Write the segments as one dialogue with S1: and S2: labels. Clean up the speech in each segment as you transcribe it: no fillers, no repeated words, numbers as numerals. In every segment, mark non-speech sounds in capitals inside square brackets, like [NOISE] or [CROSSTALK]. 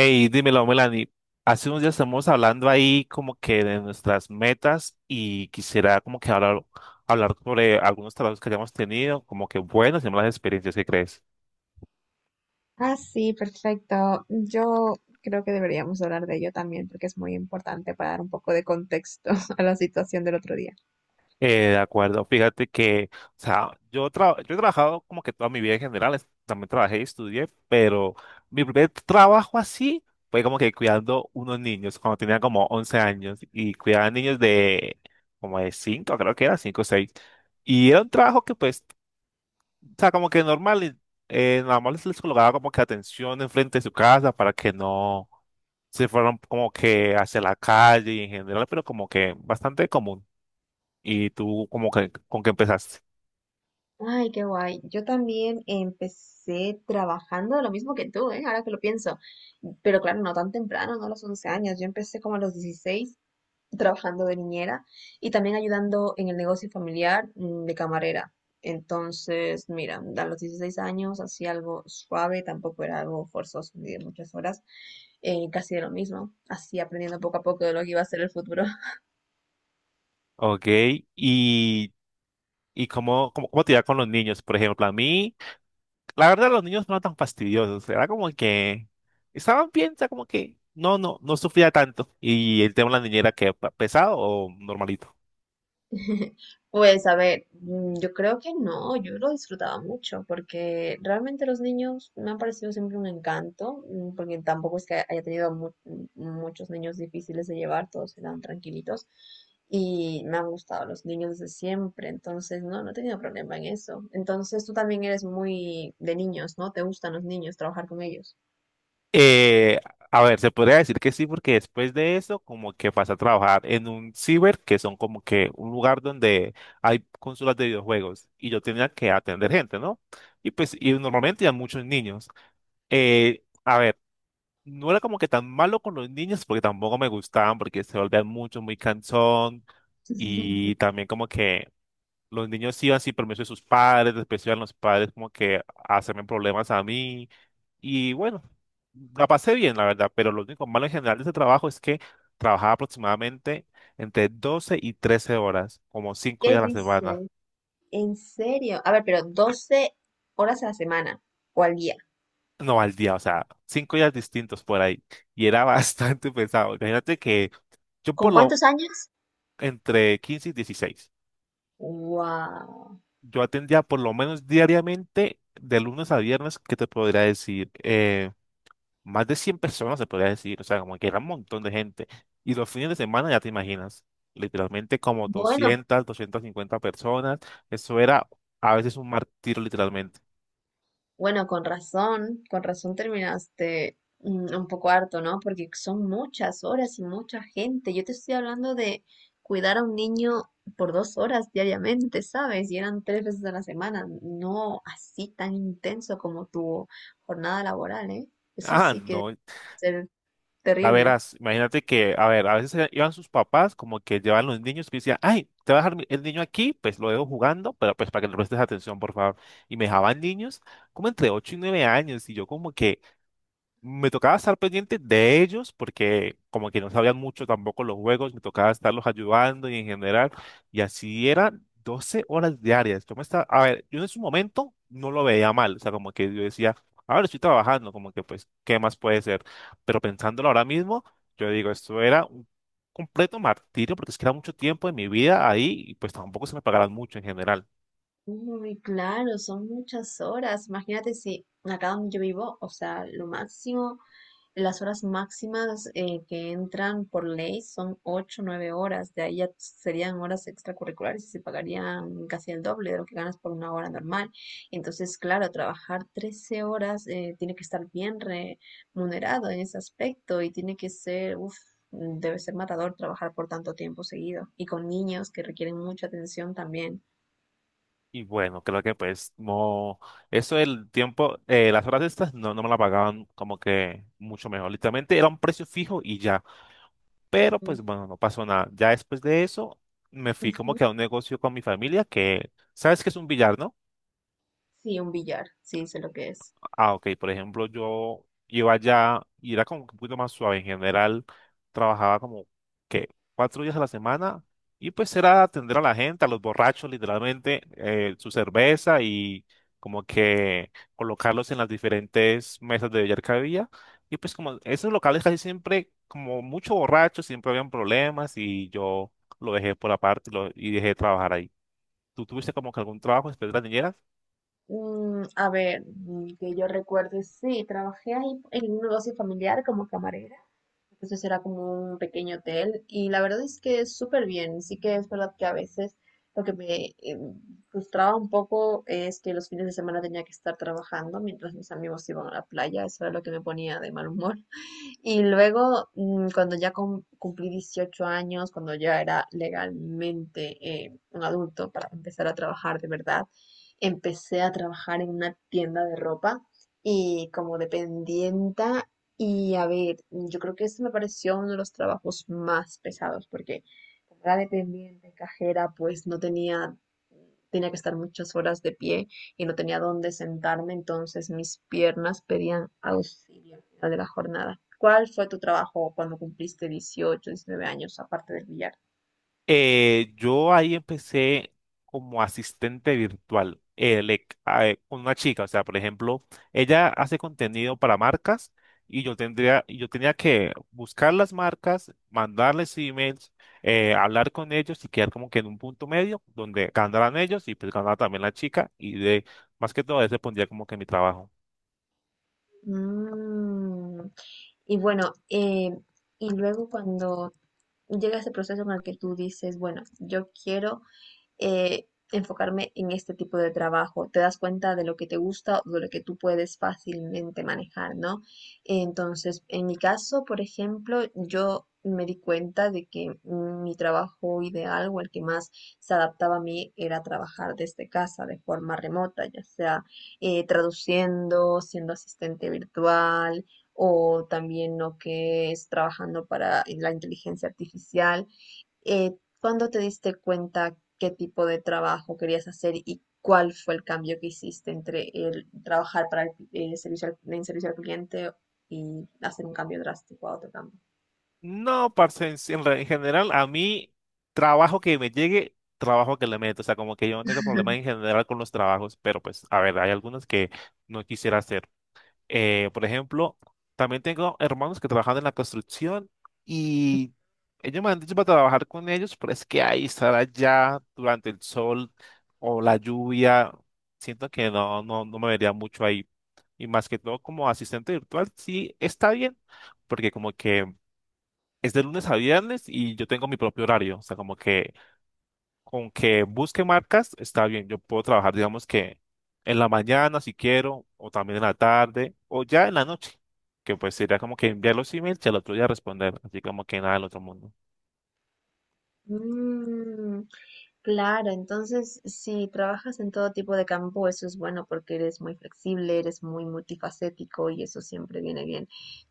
S1: Hey, dímelo, Melanie. Hace unos días estamos hablando ahí como que de nuestras metas y quisiera como que hablar sobre algunos trabajos que hayamos tenido, como que buenas y malas experiencias, ¿qué crees?
S2: Ah, sí, perfecto. Yo creo que deberíamos hablar de ello también porque es muy importante para dar un poco de contexto [LAUGHS] a la situación del otro día.
S1: De acuerdo, fíjate que, o sea, yo he trabajado como que toda mi vida en general, también trabajé y estudié, pero mi primer trabajo así fue como que cuidando unos niños cuando tenía como 11 años y cuidaba niños de como de cinco, creo que era 5 o seis. Y era un trabajo que pues, o sea, como que normal, y nada más les colocaba como que atención enfrente de su casa para que no se fueran como que hacia la calle y en general, pero como que bastante común. ¿Y tú como que con qué empezaste?
S2: Ay, qué guay. Yo también empecé trabajando lo mismo que tú, ¿eh? Ahora que lo pienso. Pero claro, no tan temprano, no a los 11 años. Yo empecé como a los 16, trabajando de niñera y también ayudando en el negocio familiar de camarera. Entonces, mira, a los 16 años hacía algo suave, tampoco era algo forzoso ni de muchas horas, casi de lo mismo, así aprendiendo poco a poco de lo que iba a ser el futuro.
S1: Ok, y, y cómo te iba con los niños, por ejemplo. A mí, la verdad, los niños no eran tan fastidiosos, era como que estaban bien, o sea, como que no, no, no sufría tanto. Y el tema de la niñera, que pesado o normalito?
S2: [LAUGHS] Pues a ver, yo creo que no, yo lo disfrutaba mucho porque realmente los niños me han parecido siempre un encanto, porque tampoco es que haya tenido muchos niños difíciles de llevar, todos eran tranquilitos y me han gustado los niños desde siempre, entonces no, no he tenido problema en eso. Entonces tú también eres muy de niños, ¿no? ¿Te gustan los niños, trabajar con ellos?
S1: Eh, a ver, se podría decir que sí, porque después de eso, como que pasé a trabajar en un ciber, que son como que un lugar donde hay consolas de videojuegos, y yo tenía que atender gente, ¿no? Y pues, y normalmente hay muchos niños. A ver, no era como que tan malo con los niños porque tampoco me gustaban porque se volvían mucho, muy cansón, y también como que los niños iban sin permiso de sus padres, después iban los padres como que a hacerme problemas a mí, y bueno, la pasé bien la verdad, pero lo único malo en general de ese trabajo es que trabajaba aproximadamente entre 12 y 13 horas, como 5
S2: ¿Qué
S1: días a la semana.
S2: dices? ¿En serio? A ver, pero 12 horas a la semana o al día.
S1: No, al día, o sea, 5 días distintos por ahí. Y era [LAUGHS] bastante pesado. Imagínate que yo por
S2: ¿Con
S1: lo.
S2: cuántos años?
S1: Entre 15 y 16.
S2: Wow.
S1: Yo atendía por lo menos diariamente, de lunes a viernes, que te podría decir? Más de 100 personas, se podría decir. O sea, como que era un montón de gente. Y los fines de semana, ya te imaginas, literalmente como
S2: Bueno,
S1: 200, cincuenta personas. Eso era a veces un martirio, literalmente.
S2: bueno, con razón terminaste un poco harto, ¿no? Porque son muchas horas y mucha gente. Yo te estoy hablando de cuidar a un niño por 2 horas diariamente, ¿sabes? Y eran tres veces a la semana, no así tan intenso como tu jornada laboral, ¿eh? Eso
S1: Ah,
S2: sí que debe
S1: no.
S2: ser
S1: A
S2: terrible.
S1: verás, imagínate que, a ver, a veces iban sus papás, como que llevan los niños, que decían, ay, te voy a dejar el niño aquí, pues lo dejo jugando, pero pues para que le prestes atención, por favor. Y me dejaban niños como entre 8 y 9 años, y yo como que me tocaba estar pendiente de ellos porque como que no sabían mucho tampoco los juegos, me tocaba estarlos ayudando y en general, y así eran 12 horas diarias. Yo me estaba, a ver, yo en su momento no lo veía mal, o sea, como que yo decía, a ver, estoy trabajando, como que pues, ¿qué más puede ser? Pero pensándolo ahora mismo, yo digo, esto era un completo martirio porque es que era mucho tiempo de mi vida ahí y pues tampoco se me pagaban mucho en general.
S2: Uy, claro, son muchas horas. Imagínate si acá donde yo vivo, o sea, lo máximo. Las horas máximas que entran por ley son 8 9 horas, de ahí ya serían horas extracurriculares y se pagarían casi el doble de lo que ganas por una hora normal. Entonces, claro, trabajar 13 horas tiene que estar bien remunerado en ese aspecto y tiene que ser, uff, debe ser matador trabajar por tanto tiempo seguido y con niños que requieren mucha atención también.
S1: Y bueno, creo que pues no, eso del tiempo, las horas estas no, no me la pagaban como que mucho mejor. Literalmente era un precio fijo y ya. Pero
S2: Mm,
S1: pues bueno, no pasó nada. Ya después de eso me fui como
S2: ujú.
S1: que a un negocio con mi familia que, ¿sabes qué es un billar, no?
S2: Sí, un billar, sí, sé lo que es.
S1: Ah, ok. Por ejemplo, yo iba allá y era como que un poquito más suave. En general, trabajaba como que 4 días a la semana y pues era atender a la gente, a los borrachos, literalmente, su cerveza y como que colocarlos en las diferentes mesas de billar que había. Y pues como esos locales casi siempre, como mucho borrachos, siempre habían problemas, y yo lo dejé por aparte y, y dejé de trabajar ahí. ¿Tú tuviste como que algún trabajo después de las niñeras?
S2: A ver, que yo recuerde, sí, trabajé ahí en un negocio familiar como camarera, entonces era como un pequeño hotel y la verdad es que es súper bien, sí que es verdad que a veces lo que me frustraba un poco es que los fines de semana tenía que estar trabajando mientras mis amigos iban a la playa, eso era lo que me ponía de mal humor. Y luego, cuando ya cumplí 18 años, cuando ya era legalmente un adulto para empezar a trabajar de verdad, empecé a trabajar en una tienda de ropa y como dependienta. Y a ver, yo creo que ese me pareció uno de los trabajos más pesados porque como era dependiente, cajera, pues no tenía, tenía que estar muchas horas de pie y no tenía dónde sentarme, entonces mis piernas pedían auxilio al de la jornada. ¿Cuál fue tu trabajo cuando cumpliste 18 19 años, aparte del billar?
S1: Yo ahí empecé como asistente virtual, con una chica, o sea, por ejemplo, ella hace contenido para marcas y yo tendría, y yo tenía que buscar las marcas, mandarles emails, hablar con ellos y quedar como que en un punto medio donde ganaran ellos y pues ganara también la chica, y de más que todo eso pondría como que mi trabajo.
S2: Mm, Y bueno, y luego cuando llega ese proceso en el que tú dices, bueno, yo quiero eh, enfocarme en este tipo de trabajo. Te das cuenta de lo que te gusta o de lo que tú puedes fácilmente manejar, ¿no? Entonces, en mi caso, por ejemplo, yo me di cuenta de que mi trabajo ideal o el que más se adaptaba a mí era trabajar desde casa de forma remota, ya sea traduciendo, siendo asistente virtual o también lo que es trabajando para la inteligencia artificial. ¿Cuándo te diste cuenta qué tipo de trabajo querías hacer y cuál fue el cambio que hiciste entre el trabajar para el en servicio al cliente y hacer un cambio drástico a otro cambio?
S1: No, parce, en general, a mí, trabajo que me llegue, trabajo que le meto. O sea, como que yo no tengo problema en general con los trabajos, pero pues, a ver, hay algunos que no quisiera hacer. Por ejemplo, también tengo hermanos que trabajan en la construcción y ellos me han dicho para trabajar con ellos, pero es que ahí estar allá durante el sol o la lluvia, siento que no, no, no me vería mucho ahí. Y más que todo como asistente virtual, sí está bien, porque como que es de lunes a viernes y yo tengo mi propio horario. O sea, como que con que busque marcas está bien. Yo puedo trabajar, digamos que en la mañana si quiero, o también en la tarde, o ya en la noche. Que pues sería como que enviar los emails y al otro día responder. Así como que nada del otro mundo.
S2: [LAUGHS] Claro, entonces si trabajas en todo tipo de campo, eso es bueno porque eres muy flexible, eres muy multifacético y eso siempre viene bien.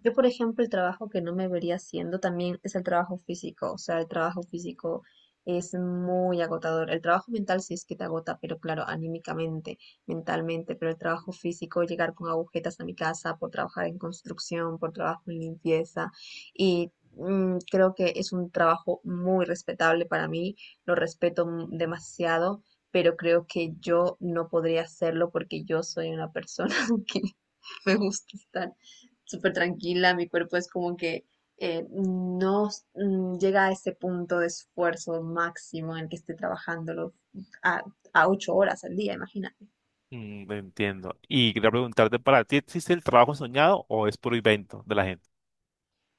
S2: Yo, por ejemplo, el trabajo que no me vería haciendo también es el trabajo físico, o sea, el trabajo físico es muy agotador. El trabajo mental sí es que te agota, pero claro, anímicamente, mentalmente, pero el trabajo físico, llegar con agujetas a mi casa por trabajar en construcción, por trabajo en limpieza y... Creo que es un trabajo muy respetable, para mí lo respeto demasiado, pero creo que yo no podría hacerlo porque yo soy una persona [LAUGHS] que me gusta estar súper tranquila. Mi cuerpo es como que no s- mm, llega a ese punto de esfuerzo máximo en el que esté trabajándolo a, a 8 horas al día, imagínate.
S1: Mm, lo entiendo. Y quería preguntarte, ¿para ti existe el trabajo soñado o es puro invento de la gente?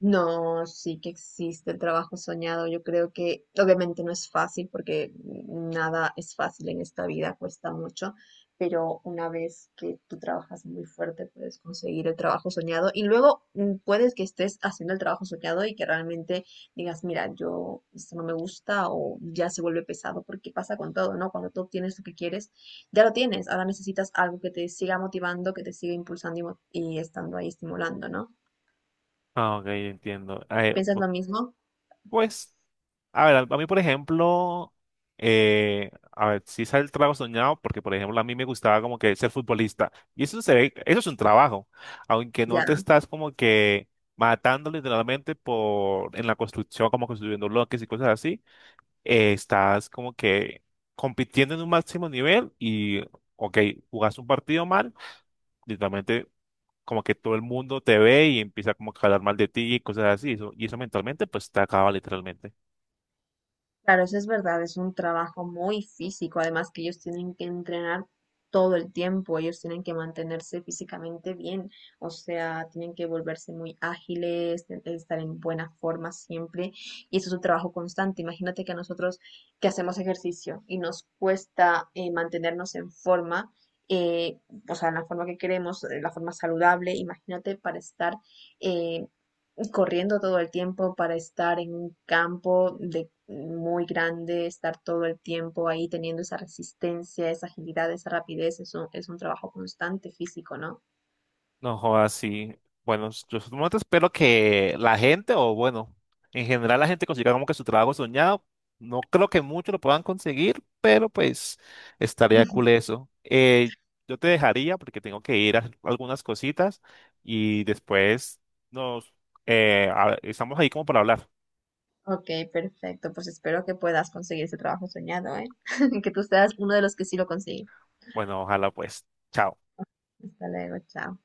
S2: No, sí que existe el trabajo soñado. Yo creo que obviamente no es fácil porque nada es fácil en esta vida, cuesta mucho, pero una vez que tú trabajas muy fuerte puedes conseguir el trabajo soñado, y luego puedes que estés haciendo el trabajo soñado y que realmente digas, mira, yo esto no me gusta o ya se vuelve pesado porque pasa con todo, ¿no? Cuando tú obtienes lo que quieres, ya lo tienes, ahora necesitas algo que te siga motivando, que te siga impulsando y estando ahí estimulando, ¿no?
S1: Ah, ok, entiendo.
S2: ¿Piensas lo mismo?
S1: Pues, a ver, a mí, por ejemplo, a ver, sí sale el trabajo soñado, porque, por ejemplo, a mí me gustaba como que ser futbolista. Y eso se ve, eso es un trabajo, aunque no
S2: Ya,
S1: te estás como que matando literalmente por, en la construcción, como construyendo bloques y cosas así, estás como que compitiendo en un máximo nivel y, ok, jugas un partido mal, literalmente como que todo el mundo te ve y empieza como que a hablar mal de ti y cosas así, eso, y eso mentalmente pues te acaba literalmente.
S2: claro, eso es verdad, es un trabajo muy físico, además que ellos tienen que entrenar todo el tiempo, ellos tienen que mantenerse físicamente bien, o sea, tienen que volverse muy ágiles, estar en buena forma siempre, y eso es un trabajo constante. Imagínate que a nosotros que hacemos ejercicio y nos cuesta mantenernos en forma, eh, o sea, en la forma que queremos, la forma saludable, imagínate para estar eh, corriendo todo el tiempo para estar en un campo de muy grande, estar todo el tiempo ahí teniendo esa resistencia, esa agilidad, esa rapidez, es un trabajo constante físico, ¿no?
S1: No jodas, sí. Bueno, yo solamente espero que la gente, o bueno, en general la gente consiga como que su trabajo soñado. No creo que muchos lo puedan conseguir, pero pues estaría cool eso. Yo te dejaría porque tengo que ir a hacer algunas cositas y después nos estamos ahí como para hablar.
S2: Ok, perfecto, pues espero que puedas conseguir ese trabajo soñado, ¿eh? [LAUGHS] que tú seas uno de los que sí lo consigue.
S1: Bueno, ojalá pues. Chao.
S2: Hasta luego, chao.